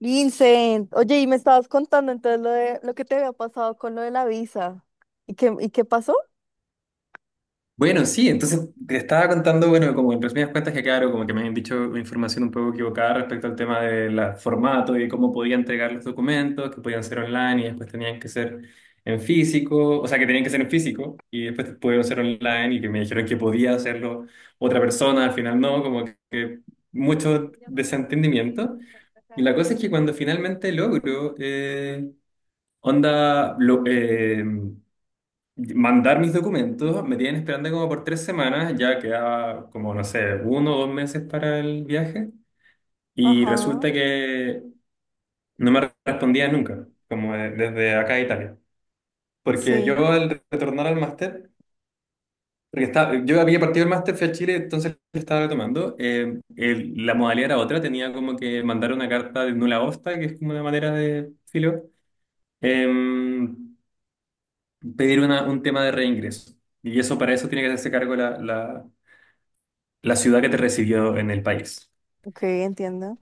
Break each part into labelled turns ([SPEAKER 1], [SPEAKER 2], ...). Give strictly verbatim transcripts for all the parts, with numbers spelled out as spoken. [SPEAKER 1] Vincent, oye, y me estabas contando entonces lo de lo que te había pasado con lo de la visa. ¿Y qué, y qué pasó?
[SPEAKER 2] Bueno, sí, entonces te estaba contando, bueno, como en resumidas cuentas que claro, como que me habían dicho información un poco equivocada respecto al tema del formato y cómo podía entregar los documentos, que podían ser online y después tenían que ser en físico, o sea, que tenían que ser en físico y después pudieron ser online y que me dijeron que podía hacerlo otra persona, al final no, como que mucho desentendimiento. Y la cosa es que cuando finalmente logro, eh, onda, lo, eh, mandar mis documentos, me tienen esperando como por tres semanas, ya queda como, no sé, uno o dos meses para el viaje, y
[SPEAKER 1] Ajá,
[SPEAKER 2] resulta que no me respondían nunca, como de- desde acá a Italia. Porque
[SPEAKER 1] sí,
[SPEAKER 2] yo al retornar al máster, porque estaba, yo había partido el máster, fui a Chile, entonces lo estaba tomando, eh, el- la modalidad era otra, tenía como que mandar una carta de nula osta, que es como una manera de filo, em, pedir una- un tema de reingreso. Y eso para eso tiene que hacerse cargo la, la, la ciudad que te recibió en el país.
[SPEAKER 1] ok, entiendo.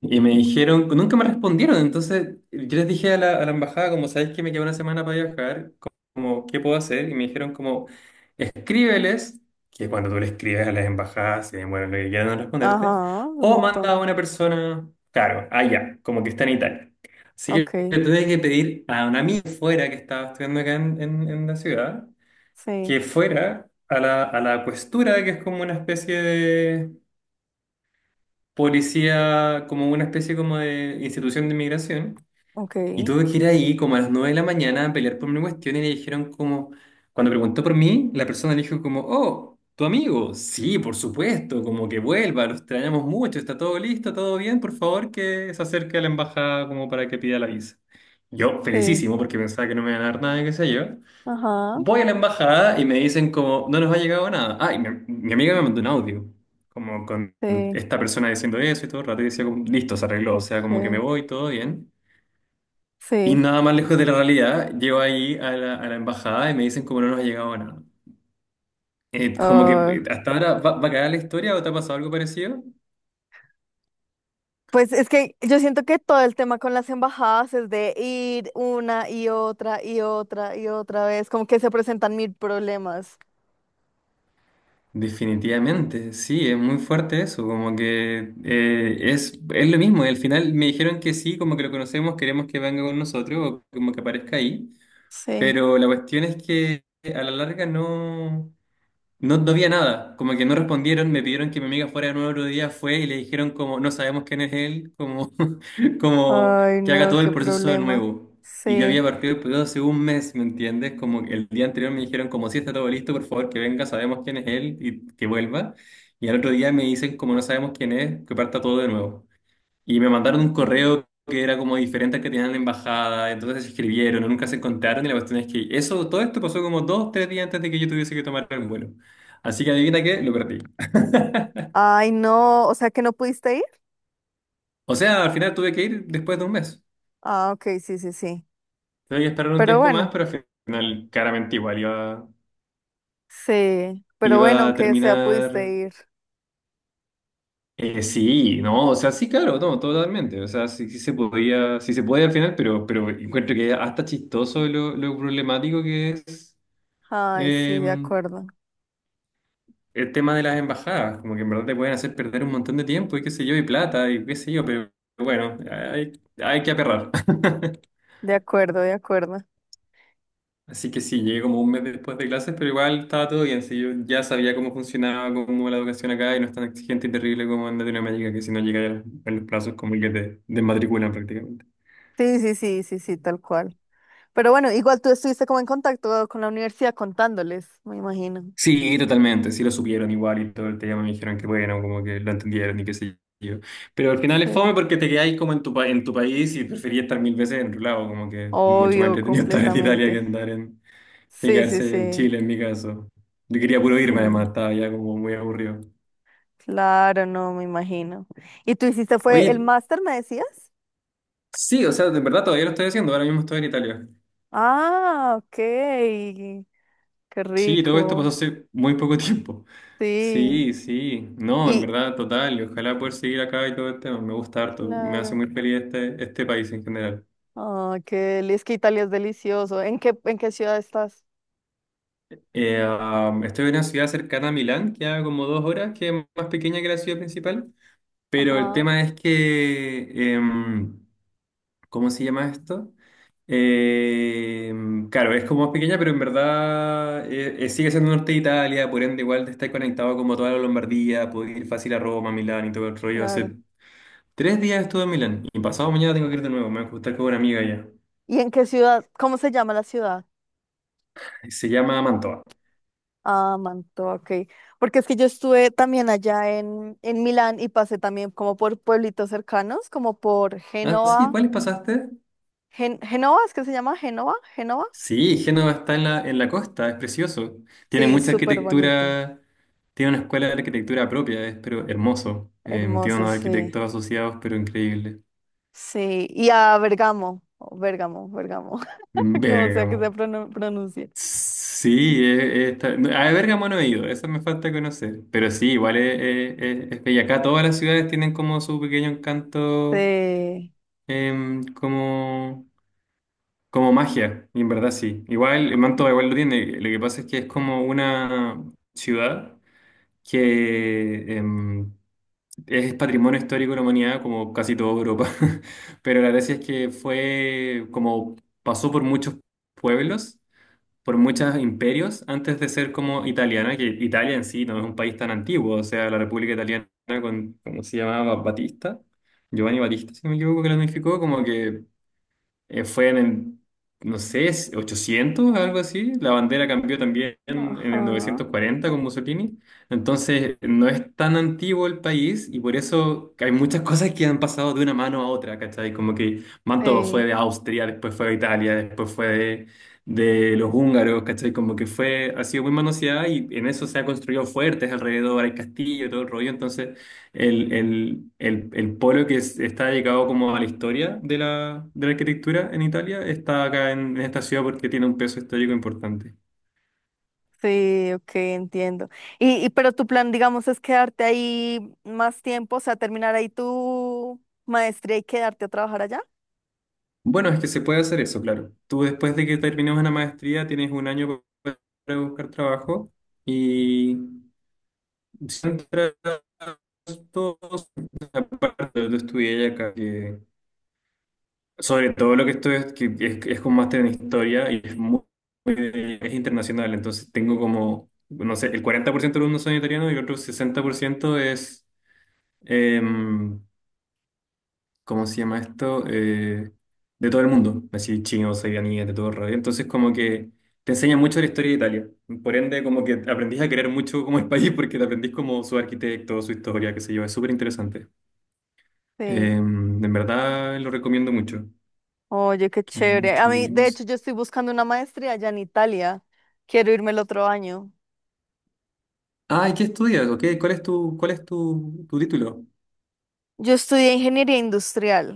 [SPEAKER 2] Y me dijeron, nunca me respondieron, entonces yo les dije a la, a la embajada, como sabéis que me queda una semana para viajar, como, ¿qué puedo hacer? Y me dijeron como, escríbeles, que cuando tú le escribes a las embajadas, se demoran lo que quieran en responderte,
[SPEAKER 1] Ajá, un
[SPEAKER 2] o manda
[SPEAKER 1] montón.
[SPEAKER 2] a una persona, claro, allá, como que está en Italia. Así que
[SPEAKER 1] Ok,
[SPEAKER 2] le tuve que pedir a un amigo fuera que estaba estudiando acá en, en- en la ciudad,
[SPEAKER 1] sí,
[SPEAKER 2] que fuera a la, a la questura, que es como una especie policía como una especie como de institución de inmigración
[SPEAKER 1] ok.
[SPEAKER 2] y tuve que ir ahí como a las nueve de la mañana a pelear por mi cuestión y le dijeron como, cuando preguntó por mí, la persona le dijo como, oh, tu amigo, sí, por supuesto, como que vuelva, lo extrañamos mucho, está todo listo, todo bien, por favor que se acerque a la embajada como para que pida la visa. Yo,
[SPEAKER 1] Sí,
[SPEAKER 2] felicísimo, porque pensaba que no me iban a dar nada, qué sé yo.
[SPEAKER 1] ajá,
[SPEAKER 2] Voy a la embajada y me dicen como, no nos ha llegado nada. Ah, y mi, mi amiga me mandó un audio, como con
[SPEAKER 1] sí,
[SPEAKER 2] esta persona diciendo eso y todo el rato, y decía como, listo, se arregló, o sea, como que me
[SPEAKER 1] ok,
[SPEAKER 2] voy, todo bien. Y
[SPEAKER 1] sí.
[SPEAKER 2] nada más lejos de la realidad, llego ahí a la, a la embajada y me dicen como no nos ha llegado nada. Eh, como que eh,
[SPEAKER 1] Ah,
[SPEAKER 2] hasta ahora va, va a quedar la historia o te ha pasado algo parecido.
[SPEAKER 1] pues es que yo siento que todo el tema con las embajadas es de ir una y otra y otra y otra vez, como que se presentan mil problemas.
[SPEAKER 2] Definitivamente, sí, es muy fuerte eso, como que eh, es, es lo mismo, y al final me dijeron que sí, como que lo conocemos, queremos que venga con nosotros o como que aparezca ahí.
[SPEAKER 1] Sí.
[SPEAKER 2] Pero la cuestión es que a la larga no, no, no había nada, como que no respondieron, me pidieron que mi amiga fuera de nuevo otro día, fue y le dijeron como, no sabemos quién es él, como, como
[SPEAKER 1] Ay,
[SPEAKER 2] que haga
[SPEAKER 1] no,
[SPEAKER 2] todo
[SPEAKER 1] qué
[SPEAKER 2] el proceso de
[SPEAKER 1] problema.
[SPEAKER 2] nuevo. Y yo
[SPEAKER 1] Sí.
[SPEAKER 2] había partido el proceso hace un mes, ¿me entiendes? Como que el día anterior me dijeron como, si está todo listo, por favor que venga, sabemos quién es él y que vuelva. Y al otro día me dicen como, no sabemos quién es, que parta todo de nuevo. Y me mandaron un
[SPEAKER 1] Mm.
[SPEAKER 2] correo que era como diferente al que tenían en la embajada, entonces se escribieron, nunca se encontraron y la cuestión es que eso, todo esto pasó como dos, tres días antes de que yo tuviese que tomar el vuelo. Así que adivina qué, lo perdí.
[SPEAKER 1] Ay, no, o sea que no pudiste ir.
[SPEAKER 2] O sea, al final tuve que ir después de un mes.
[SPEAKER 1] Ah, ok, sí, sí, sí.
[SPEAKER 2] Tuve que esperar un
[SPEAKER 1] Pero
[SPEAKER 2] tiempo más,
[SPEAKER 1] bueno,
[SPEAKER 2] pero al final claramente igual iba,
[SPEAKER 1] sí, pero
[SPEAKER 2] iba
[SPEAKER 1] bueno,
[SPEAKER 2] a
[SPEAKER 1] aunque sea
[SPEAKER 2] terminar...
[SPEAKER 1] pudiste ir.
[SPEAKER 2] Eh, sí, no, o sea, sí, claro, no, totalmente. O sea, sí, sí se podía, sí se puede al final, pero, pero encuentro que hasta chistoso lo, lo problemático que es.
[SPEAKER 1] Ay, sí, de
[SPEAKER 2] em,
[SPEAKER 1] acuerdo,
[SPEAKER 2] el tema de las embajadas, como que en verdad te pueden hacer perder un montón de tiempo y qué sé yo, y plata y qué sé yo, pero bueno, hay, hay que aperrar.
[SPEAKER 1] de acuerdo, de acuerdo.
[SPEAKER 2] Así que sí, llegué como un mes después de clases, pero igual estaba todo bien, sí, yo ya sabía cómo funcionaba, cómo la educación acá y no es tan exigente y terrible como en Latinoamérica, que si no llegas en los plazos como que te desmatriculan prácticamente.
[SPEAKER 1] Sí, sí, sí, sí, sí, tal cual. Pero bueno, igual tú estuviste como en contacto con la universidad contándoles, me imagino.
[SPEAKER 2] Sí, totalmente, sí lo supieron igual y todo el tema, me dijeron que bueno, como que lo entendieron y qué sé yo. Pero al final es fome
[SPEAKER 1] Sí.
[SPEAKER 2] porque te quedáis como en tu, pa- en tu país y preferís estar mil veces en tu lado, como que mucho más
[SPEAKER 1] Obvio,
[SPEAKER 2] entretenido estar en Italia que
[SPEAKER 1] completamente.
[SPEAKER 2] andar en, que
[SPEAKER 1] Sí, sí,
[SPEAKER 2] quedarse en
[SPEAKER 1] sí,
[SPEAKER 2] Chile en mi caso. Yo quería puro irme además,
[SPEAKER 1] sí.
[SPEAKER 2] estaba ya como muy aburrido.
[SPEAKER 1] Claro, no, me imagino. ¿Y tú hiciste fue el
[SPEAKER 2] Oye,
[SPEAKER 1] máster, me decías?
[SPEAKER 2] sí, o sea, de verdad todavía lo estoy haciendo, ahora mismo estoy en Italia.
[SPEAKER 1] Ah, ok. Qué
[SPEAKER 2] Sí, todo esto pasó
[SPEAKER 1] rico.
[SPEAKER 2] hace muy poco tiempo.
[SPEAKER 1] Sí.
[SPEAKER 2] Sí, sí. No, en
[SPEAKER 1] Y
[SPEAKER 2] verdad, total. Y ojalá poder seguir acá y todo el tema. Me gusta harto. Me hace
[SPEAKER 1] claro.
[SPEAKER 2] muy feliz este, este país en general.
[SPEAKER 1] Ah, qué deli- es que Italia es delicioso. ¿En qué, en qué ciudad estás?
[SPEAKER 2] Eh, um, estoy en una ciudad cercana a Milán, que a como dos horas, que es más pequeña que la ciudad principal. Pero el
[SPEAKER 1] Ajá,
[SPEAKER 2] tema es que... em, ¿Cómo se llama esto? Eh, claro, es como más pequeña, pero en verdad eh, eh, sigue siendo norte de Italia, por ende igual te estás conectado como toda la Lombardía, puedes ir fácil a Roma, Milán y todo el rollo.
[SPEAKER 1] claro.
[SPEAKER 2] Hace tres días estuve en Milán y pasado mañana tengo que ir de nuevo, me voy a juntar con una amiga allá.
[SPEAKER 1] ¿Y en qué ciudad? ¿Cómo se llama la ciudad?
[SPEAKER 2] Se llama Mantova.
[SPEAKER 1] Ah, Mantua, ok. Porque es que yo estuve también allá en, en Milán y pasé también como por pueblitos cercanos, como por
[SPEAKER 2] Ah, sí,
[SPEAKER 1] Génova.
[SPEAKER 2] ¿cuáles pasaste?
[SPEAKER 1] Gen- ¿Génova? ¿Es que se llama Génova? ¿Génova?
[SPEAKER 2] Sí, Génova está en la, en la costa, es precioso. Tiene
[SPEAKER 1] Sí,
[SPEAKER 2] mucha
[SPEAKER 1] súper bonito.
[SPEAKER 2] arquitectura, tiene una escuela de arquitectura propia, es pero hermoso. Eh, tiene
[SPEAKER 1] Hermoso,
[SPEAKER 2] unos
[SPEAKER 1] sí.
[SPEAKER 2] arquitectos asociados, pero increíble.
[SPEAKER 1] Sí. Y a Bergamo, o Bérgamo, Bergamo, como sea que se
[SPEAKER 2] Bérgamo.
[SPEAKER 1] pronuncie.
[SPEAKER 2] Sí, es, es ta- a Bérgamo no he ido, eso me falta conocer. Pero sí, igual es, es- es- es bella. Acá todas las ciudades tienen como su pequeño encanto,
[SPEAKER 1] Sí.
[SPEAKER 2] em, como, como magia, y en verdad sí. Igual, eh,
[SPEAKER 1] com-
[SPEAKER 2] Manto igual lo tiene. Lo que pasa es que es como una ciudad que em, es patrimonio histórico de la humanidad, como casi toda Europa. Pero la gracia es que fue como pasó por muchos pueblos. Por muchos imperios antes de ser como italiana, que Italia en sí no es un país tan antiguo, o sea, la República Italiana con, ¿cómo se llamaba? Batista, Giovanni Batista, si no me equivoco, que la unificó, como que eh, fue en el, no sé, ochocientos, algo así. La bandera cambió también en el
[SPEAKER 1] Ajá.
[SPEAKER 2] novecientos cuarenta con Mussolini. Entonces, no es tan antiguo el país y por eso hay muchas cosas que han pasado de una mano a otra, ¿cachai? Como que Mantova fue
[SPEAKER 1] Sí.
[SPEAKER 2] de Austria, después fue de Italia, después fue de, de los húngaros, ¿cachai? Como que fue, ha sido muy manoseada y en eso se ha construido fuertes alrededor, hay castillo, todo el rollo. Entonces, el, el, el, el polo que es- está dedicado como a la historia de la, de la arquitectura en Italia está acá en, en esta ciudad porque tiene un peso histórico importante.
[SPEAKER 1] Sí, ok, entiendo. Y, y pero tu plan, digamos, es quedarte ahí más tiempo, o sea, terminar ahí tu maestría y quedarte a trabajar allá.
[SPEAKER 2] Bueno, es que se puede hacer eso, claro. Tú después de que termines una maestría tienes un año pa- para buscar trabajo y si entras todos, aparte, yo estudié acá. Sobre todo lo que estoy es, que es, es con máster en historia y es muy, muy- es internacional, entonces tengo como, no sé, el cuarenta por ciento de los alumnos son italianos y el otro sesenta por ciento es, em, ¿cómo se llama esto? Eh, de todo el mundo, así chinos, iraníes, de todo el rollo. Entonces como que te enseña mucho de la historia de Italia, por ende como que aprendís a querer mucho como el país porque te aprendís como su arquitecto, su historia, qué sé yo, es súper interesante.
[SPEAKER 1] Sí.
[SPEAKER 2] Em, en verdad lo recomiendo mucho.
[SPEAKER 1] Oye, qué chévere.
[SPEAKER 2] Mucho.
[SPEAKER 1] A mí, de hecho, yo estoy buscando una maestría allá en Italia. Quiero irme el otro año.
[SPEAKER 2] Ah, ¿y qué estudias? ¿Ok? ¿Cuál es tu, cuál es tu, tu título?
[SPEAKER 1] Yo estudié ingeniería industrial.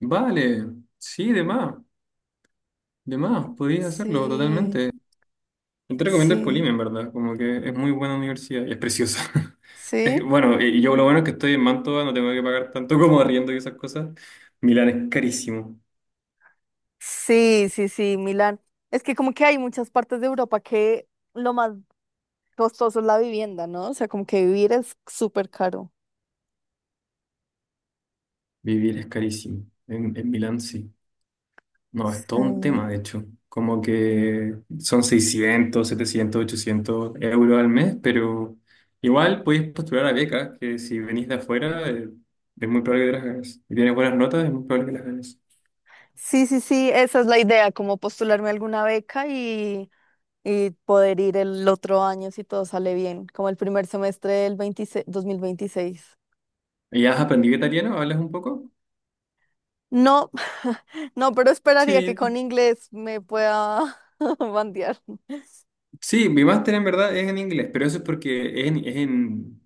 [SPEAKER 2] Vale, sí, de más, de más, podrías hacerlo
[SPEAKER 1] Sí,
[SPEAKER 2] totalmente. Yo te recomiendo el Polim,
[SPEAKER 1] sí,
[SPEAKER 2] en verdad, como que es muy buena universidad y es preciosa. Es que,
[SPEAKER 1] sí.
[SPEAKER 2] bueno, y yo lo bueno es que estoy en Mantua, no tengo que pagar tanto como arriendo y esas cosas. Milán es carísimo,
[SPEAKER 1] Sí, sí, sí, Milán. Es que como que hay muchas partes de Europa que lo más costoso es la vivienda, ¿no? O sea, como que vivir es súper caro.
[SPEAKER 2] vivir es carísimo, en, en Milán sí. No, es todo un
[SPEAKER 1] Sí,
[SPEAKER 2] tema, de hecho. Como que son seiscientos setecientos ochocientos euros al mes, pero igual podéis postular a becas, que si venís de afuera, eh, es muy probable que las ganes. Si tienes buenas notas, es muy probable que las ganes.
[SPEAKER 1] sí, sí, sí, esa es la idea, como postularme a alguna beca y, y poder ir el otro año si todo sale bien, como el primer semestre del veintiséis dos mil veintiséis.
[SPEAKER 2] ¿Y has aprendido italiano? ¿Hablas un poco?
[SPEAKER 1] No, no, pero esperaría que
[SPEAKER 2] Sí,
[SPEAKER 1] con inglés me pueda bandear.
[SPEAKER 2] sí, mi máster en verdad es en inglés, pero eso es porque es en, es en-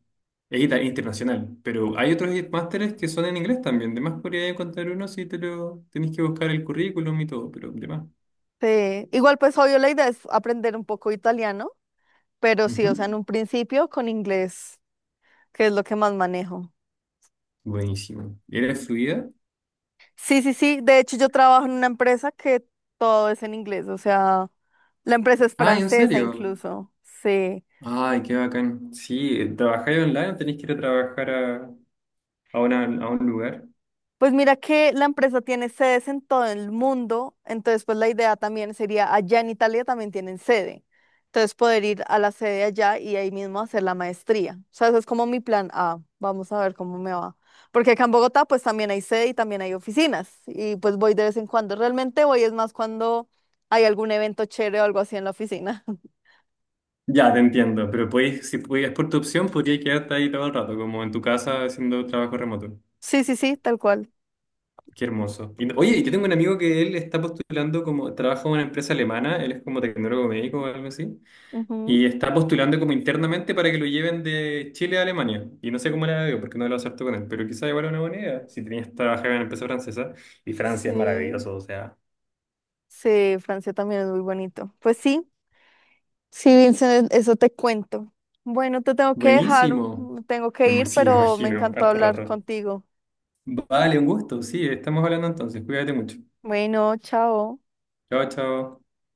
[SPEAKER 2] es ita- internacional. Pero hay otros másteres que son en inglés también. De más podría encontrar uno si te lo tenés que buscar el currículum y todo, pero de más.
[SPEAKER 1] Sí, igual pues obvio la idea es aprender un poco italiano, pero sí, o sea, en
[SPEAKER 2] Ujú.
[SPEAKER 1] un principio con inglés, que es lo que más manejo.
[SPEAKER 2] Buenísimo. ¿Eres fluida?
[SPEAKER 1] Sí, sí, sí. De hecho, yo trabajo en una empresa que todo es en inglés, o sea, la empresa es
[SPEAKER 2] Ay, ¿en
[SPEAKER 1] francesa
[SPEAKER 2] serio?
[SPEAKER 1] incluso. Sí.
[SPEAKER 2] Ay, qué bacán. Sí, eh, ¿trabajáis online o tenéis que ir a trabajar a, a, una- a un lugar?
[SPEAKER 1] Pues mira que la empresa tiene sedes en todo el mundo, entonces pues la idea también sería allá en Italia también tienen sede. Entonces poder ir a la sede allá y ahí mismo hacer la maestría. O sea, ese es como mi plan A. Vamos a ver cómo me va. Porque acá en Bogotá pues también hay sede y también hay oficinas y pues voy de vez en cuando. Realmente voy es más cuando hay algún evento chévere o algo así en la oficina.
[SPEAKER 2] Ya, te entiendo, pero podéis, si pudieras por tu opción, podrías quedarte ahí todo el rato, como en tu casa haciendo trabajo remoto.
[SPEAKER 1] Sí, sí, sí, tal cual.
[SPEAKER 2] Qué hermoso. Y no, oye, yo tengo un amigo que él está postulando como, trabaja en una empresa alemana, él es como tecnólogo médico o algo así.
[SPEAKER 1] Ujú.
[SPEAKER 2] Y está postulando como internamente para que lo lleven de Chile a Alemania. Y no sé cómo la veo, porque no lo acepto con él. Pero quizá igual es una buena idea, si tenías que trabajar en la empresa francesa. Y Francia es
[SPEAKER 1] Sí,
[SPEAKER 2] maravilloso, o sea.
[SPEAKER 1] sí, Francia también es muy bonito. Pues sí, sí, Vincent, e, eso te cuento. Bueno, te tengo que dejar,
[SPEAKER 2] Buenísimo.
[SPEAKER 1] mm, tengo que
[SPEAKER 2] Me, ima-
[SPEAKER 1] ir,
[SPEAKER 2] sí, me
[SPEAKER 1] pero me
[SPEAKER 2] imagino,
[SPEAKER 1] encantó
[SPEAKER 2] harto
[SPEAKER 1] hablar
[SPEAKER 2] rato.
[SPEAKER 1] contigo.
[SPEAKER 2] Vale, un gusto. Sí, estamos hablando entonces. Cuídate mucho.
[SPEAKER 1] Bueno, chao.
[SPEAKER 2] Chao, chao.